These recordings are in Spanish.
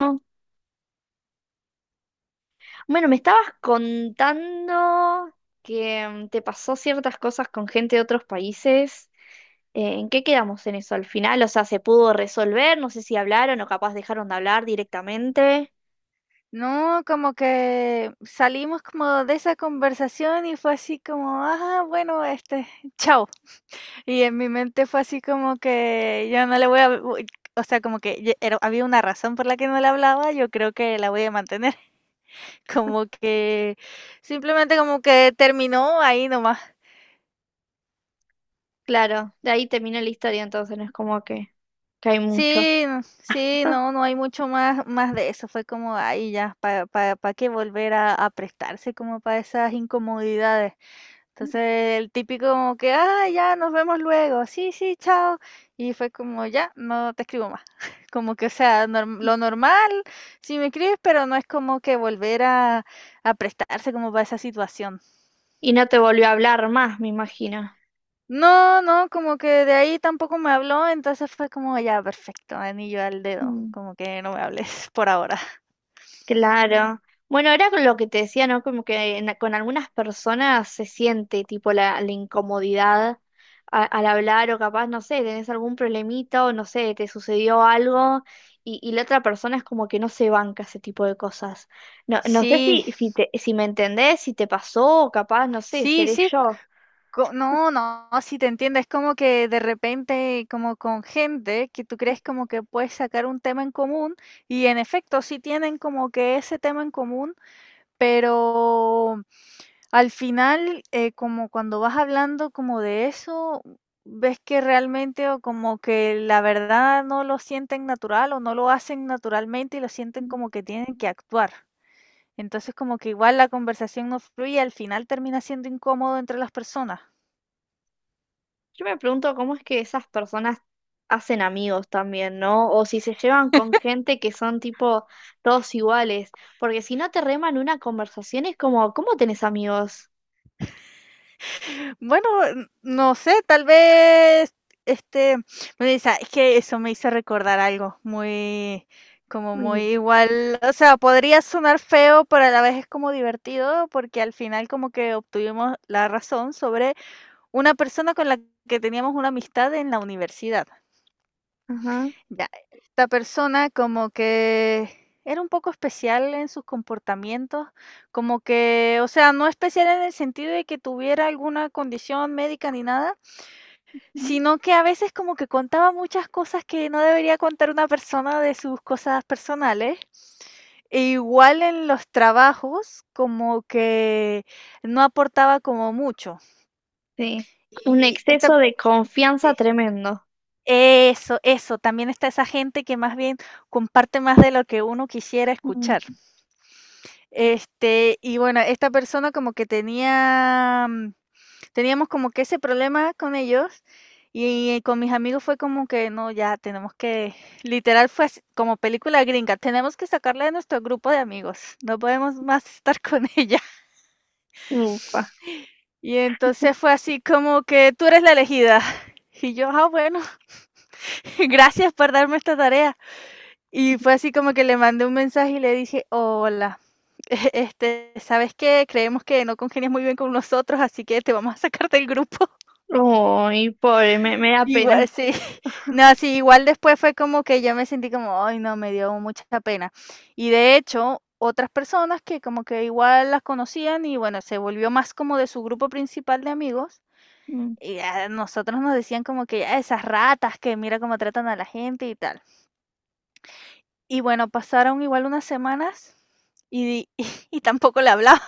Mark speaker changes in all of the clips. Speaker 1: No. Bueno, me estabas contando que te pasó ciertas cosas con gente de otros países. ¿En qué quedamos en eso al final? O sea, ¿se pudo resolver? No sé si hablaron o capaz dejaron de hablar directamente.
Speaker 2: No, como que salimos como de esa conversación y fue así como, ah, bueno, chao. Y en mi mente fue así como que yo no le voy a, o sea, como que había una razón por la que no le hablaba, yo creo que la voy a mantener. Como que simplemente como que terminó ahí nomás.
Speaker 1: Claro, de ahí terminó la historia, entonces no es como que hay mucho.
Speaker 2: Sí, no sí, no, no hay mucho más de eso. Fue como, ahí ya, ¿para qué volver a prestarse como para esas incomodidades? Entonces, el típico como que: "Ah, ya, nos vemos luego. Sí, sí, chao". Y fue como: "Ya, no te escribo más". Como que, o sea, norm lo normal, sí me escribes, pero no es como que volver a prestarse como para esa situación.
Speaker 1: Y no te volvió a hablar más, me imagino.
Speaker 2: No, no, como que de ahí tampoco me habló, entonces fue como ya perfecto, anillo al dedo,
Speaker 1: Mm.
Speaker 2: como que no me hables por ahora.
Speaker 1: Claro. Bueno, era con lo que te decía, ¿no? Como que con algunas personas se siente tipo la incomodidad al hablar o capaz, no sé, tenés algún problemita o no sé, te sucedió algo y la otra persona es como que no se banca ese tipo de cosas. No, no sé
Speaker 2: Sí,
Speaker 1: si me entendés, si te pasó o capaz, no sé,
Speaker 2: sí,
Speaker 1: seré
Speaker 2: sí,
Speaker 1: yo.
Speaker 2: no, no, sí te entiendo, es como que de repente como con gente que tú crees como que puedes sacar un tema en común y en efecto sí tienen como que ese tema en común, pero al final, como cuando vas hablando como de eso, ves que realmente o como que la verdad no lo sienten natural o no lo hacen naturalmente y lo sienten como que tienen que actuar. Entonces como que igual la conversación no fluye, al final termina siendo incómodo entre las personas.
Speaker 1: Yo me pregunto cómo es que esas personas hacen amigos también, ¿no? O si se llevan con gente que son tipo todos iguales, porque si no te reman una conversación es como, ¿cómo tenés amigos?
Speaker 2: Bueno, n no sé, tal vez, este, me dice, es que eso me hizo recordar algo muy, como muy
Speaker 1: Uy.
Speaker 2: igual, o sea, podría sonar feo, pero a la vez es como divertido, porque al final como que obtuvimos la razón sobre una persona con la que teníamos una amistad en la universidad.
Speaker 1: Ajá.
Speaker 2: Ya, esta persona como que era un poco especial en sus comportamientos, como que, o sea, no especial en el sentido de que tuviera alguna condición médica ni nada,
Speaker 1: Mm.
Speaker 2: sino que a veces como que contaba muchas cosas que no debería contar una persona de sus cosas personales. E igual en los trabajos, como que no aportaba como mucho.
Speaker 1: Sí. Un
Speaker 2: Y esta
Speaker 1: exceso de confianza
Speaker 2: Sí.
Speaker 1: tremendo.
Speaker 2: Eso, eso. También está esa gente que más bien comparte más de lo que uno quisiera escuchar.
Speaker 1: Mm.
Speaker 2: Y bueno, esta persona como que teníamos como que ese problema con ellos y con mis amigos fue como que no, ya tenemos que, literal fue así, como película gringa, tenemos que sacarla de nuestro grupo de amigos, no podemos más estar con ella.
Speaker 1: Ufa.
Speaker 2: Y entonces fue así como que tú eres la elegida. Y yo, ah, bueno, gracias por darme esta tarea. Y fue así como que le mandé un mensaje y le dije, hola, ¿sabes qué? Creemos que no congenias muy bien con nosotros, así que te vamos a sacar del grupo.
Speaker 1: Uy, pobre, me da
Speaker 2: Igual,
Speaker 1: pena.
Speaker 2: sí. No, sí, igual después fue como que yo me sentí como, ay, no, me dio mucha pena. Y de hecho, otras personas que como que igual las conocían y bueno, se volvió más como de su grupo principal de amigos.
Speaker 1: Mm.
Speaker 2: Y a nosotros nos decían como que "Ah, esas ratas que mira cómo tratan a la gente y tal. Y bueno, pasaron igual unas semanas y, y, tampoco le hablaba.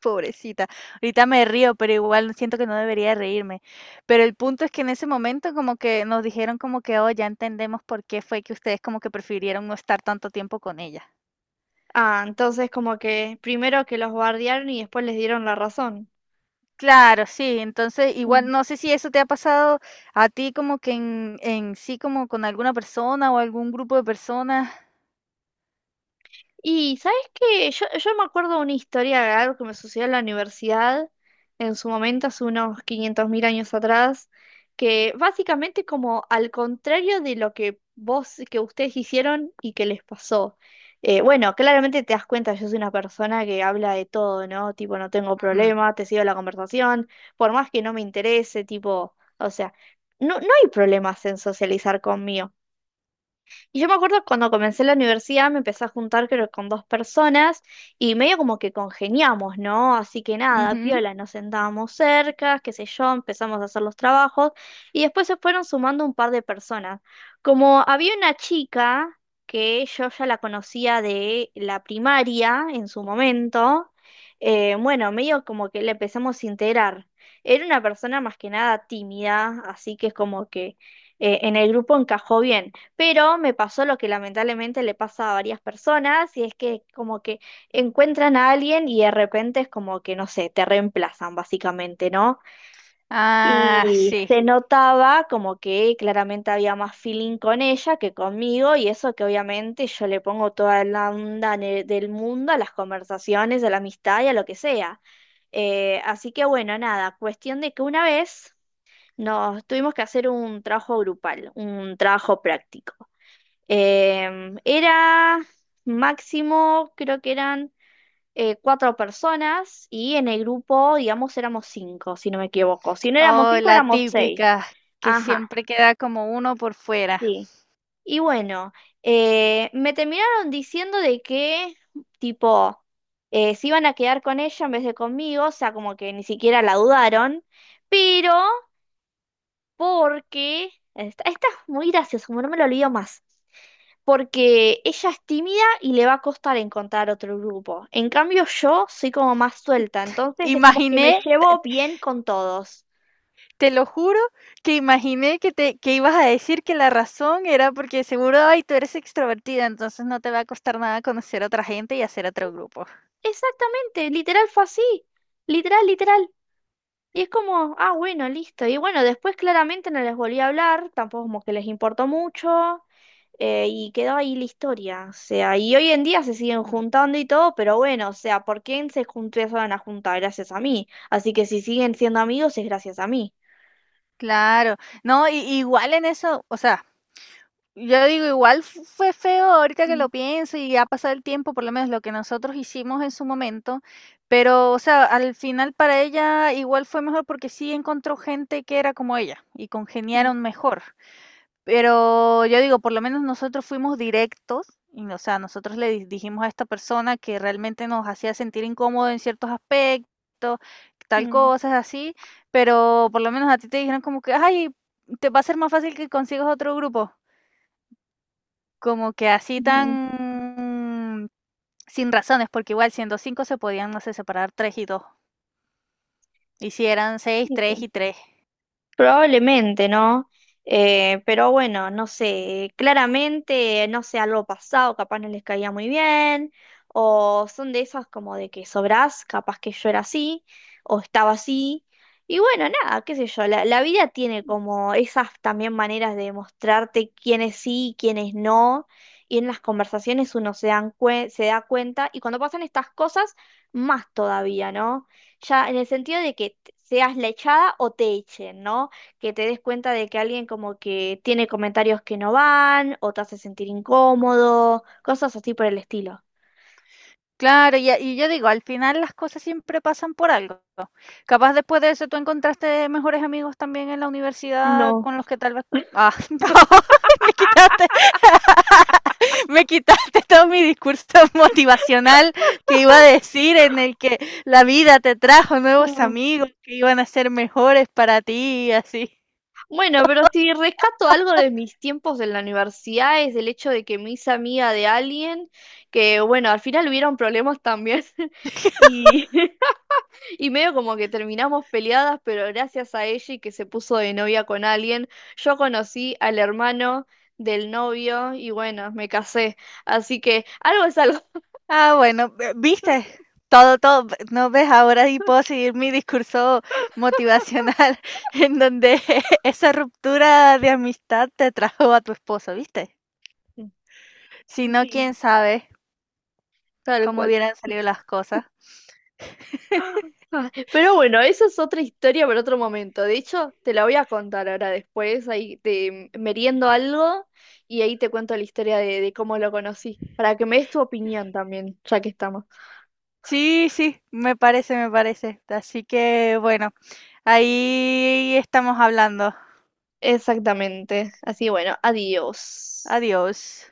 Speaker 2: Pobrecita. Ahorita me río, pero igual siento que no debería reírme. Pero el punto es que en ese momento como que nos dijeron como que, oh, ya entendemos por qué fue que ustedes como que prefirieron no estar tanto tiempo con ella.
Speaker 1: Ah, entonces como que primero que los bardearon y después les dieron la razón.
Speaker 2: Claro, sí. Entonces, igual no sé si eso te ha pasado a ti como que en, sí, como con alguna persona o algún grupo de personas.
Speaker 1: Y sabes que yo me acuerdo una historia algo que me sucedió en la universidad en su momento, hace unos 500.000 años atrás, que básicamente como al contrario de lo que vos, que ustedes hicieron y que les pasó. Bueno, claramente te das cuenta, yo soy una persona que habla de todo, ¿no? Tipo, no tengo
Speaker 2: Ujú,
Speaker 1: problema, te sigo la conversación, por más que no me interese, tipo, o sea, no, no hay problemas en socializar conmigo. Y yo me acuerdo cuando comencé la universidad me empecé a juntar creo con dos personas y medio como que congeniamos, ¿no? Así que nada,
Speaker 2: ujú.
Speaker 1: piola, nos sentábamos cerca, qué sé yo, empezamos a hacer los trabajos y después se fueron sumando un par de personas. Como había una chica que yo ya la conocía de la primaria en su momento, bueno, medio como que la empezamos a integrar. Era una persona más que nada tímida, así que es como que en el grupo encajó bien. Pero me pasó lo que lamentablemente le pasa a varias personas, y es que como que encuentran a alguien y de repente es como que, no sé, te reemplazan básicamente, ¿no?
Speaker 2: Ah,
Speaker 1: Y
Speaker 2: sí.
Speaker 1: se notaba como que claramente había más feeling con ella que conmigo, y eso que obviamente yo le pongo toda la onda del mundo a las conversaciones, a la amistad y a lo que sea. Así que bueno, nada, cuestión de que una vez nos tuvimos que hacer un trabajo grupal, un trabajo práctico. Era máximo, creo que eran cuatro personas y en el grupo, digamos, éramos cinco, si no me equivoco. Si no éramos
Speaker 2: Oh,
Speaker 1: cinco,
Speaker 2: la
Speaker 1: éramos seis.
Speaker 2: típica, que
Speaker 1: Ajá,
Speaker 2: siempre queda como uno por fuera.
Speaker 1: sí. Y bueno, me terminaron diciendo de que, tipo, se iban a quedar con ella en vez de conmigo, o sea, como que ni siquiera la dudaron, pero porque, esta es muy graciosa, como no me lo olvido más, porque ella es tímida y le va a costar encontrar otro grupo. En cambio, yo soy como más suelta, entonces es como que me
Speaker 2: Imaginé
Speaker 1: llevo bien con todos.
Speaker 2: Te lo juro que imaginé que ibas a decir que la razón era porque seguro, ay, tú eres extrovertida, entonces no te va a costar nada conocer a otra gente y hacer otro grupo.
Speaker 1: Exactamente, literal fue así, literal, literal. Y es como, ah, bueno, listo. Y bueno, después claramente no les volví a hablar, tampoco como que les importó mucho, y quedó ahí la historia. O sea, y hoy en día se siguen
Speaker 2: Mm,
Speaker 1: juntando y todo, pero bueno, o sea, ¿por qué se junté a juntar? Gracias a mí. Así que si siguen siendo amigos es gracias a mí.
Speaker 2: claro, no, y, igual en eso, o sea, yo digo, igual fue feo ahorita que
Speaker 1: Mm,
Speaker 2: lo pienso y ha pasado el tiempo, por lo menos lo que nosotros hicimos en su momento, pero, o sea, al final para ella igual fue mejor porque sí encontró gente que era como ella y
Speaker 1: mm,
Speaker 2: congeniaron mejor. Pero yo digo, por lo menos nosotros fuimos directos, y, o sea, nosotros dijimos a esta persona que realmente nos hacía sentir incómodo en ciertos aspectos, tal
Speaker 1: mm,
Speaker 2: cosas así, pero por lo menos a ti te dijeron como que, ay, te va a ser más fácil que consigas otro grupo, como que así tan sin razones, porque igual siendo cinco se podían, no sé, separar tres y dos, y si eran seis, tres
Speaker 1: mm.
Speaker 2: y tres.
Speaker 1: Probablemente, ¿no? Pero bueno, no sé, claramente, no sé, algo pasado, capaz no les caía muy bien, o son de esas como de que sobrás, capaz que yo era así, o estaba así, y bueno, nada, qué sé yo, la vida tiene como esas también maneras de mostrarte quiénes sí y quiénes no, y en las conversaciones uno se da cuenta, y cuando pasan estas cosas, más todavía, ¿no? Ya en el sentido de que seas la echada o te echen, ¿no? Que te des cuenta de que alguien como que tiene comentarios que no van o te hace sentir incómodo, cosas así por el estilo.
Speaker 2: Claro, y a y yo digo, al final las cosas siempre pasan por algo. Capaz después de eso tú encontraste mejores amigos también en la universidad
Speaker 1: No.
Speaker 2: con los que tal vez ah, no, me quitaste me quitaste todo mi discurso motivacional que iba a decir, en el que la vida te trajo nuevos
Speaker 1: Ah.
Speaker 2: amigos que iban a ser mejores para ti, así.
Speaker 1: Bueno, pero si rescato algo de mis tiempos en la universidad es el hecho de que me hice amiga de alguien que, bueno, al final hubieron problemas también y, y medio como que terminamos peleadas, pero gracias a ella y que se puso de novia con alguien, yo conocí al hermano del novio y bueno, me casé. Así que algo es algo.
Speaker 2: Ah, bueno, viste, todo, todo, no ves, ahora y puedo seguir mi discurso motivacional en donde esa ruptura de amistad te trajo a tu esposo, ¿viste? Si no, quién
Speaker 1: Sí,
Speaker 2: sabe
Speaker 1: tal
Speaker 2: cómo
Speaker 1: cual.
Speaker 2: hubieran salido las cosas.
Speaker 1: Ah, pero bueno, eso es otra historia para otro momento. De hecho, te la voy a contar ahora después, ahí te meriendo algo y ahí te cuento la historia de, cómo lo conocí, para que me des tu opinión también, ya que estamos.
Speaker 2: Sí, sí, me parece, me parece. Así que bueno, ahí estamos hablando.
Speaker 1: Exactamente. Así bueno, adiós.
Speaker 2: Adiós.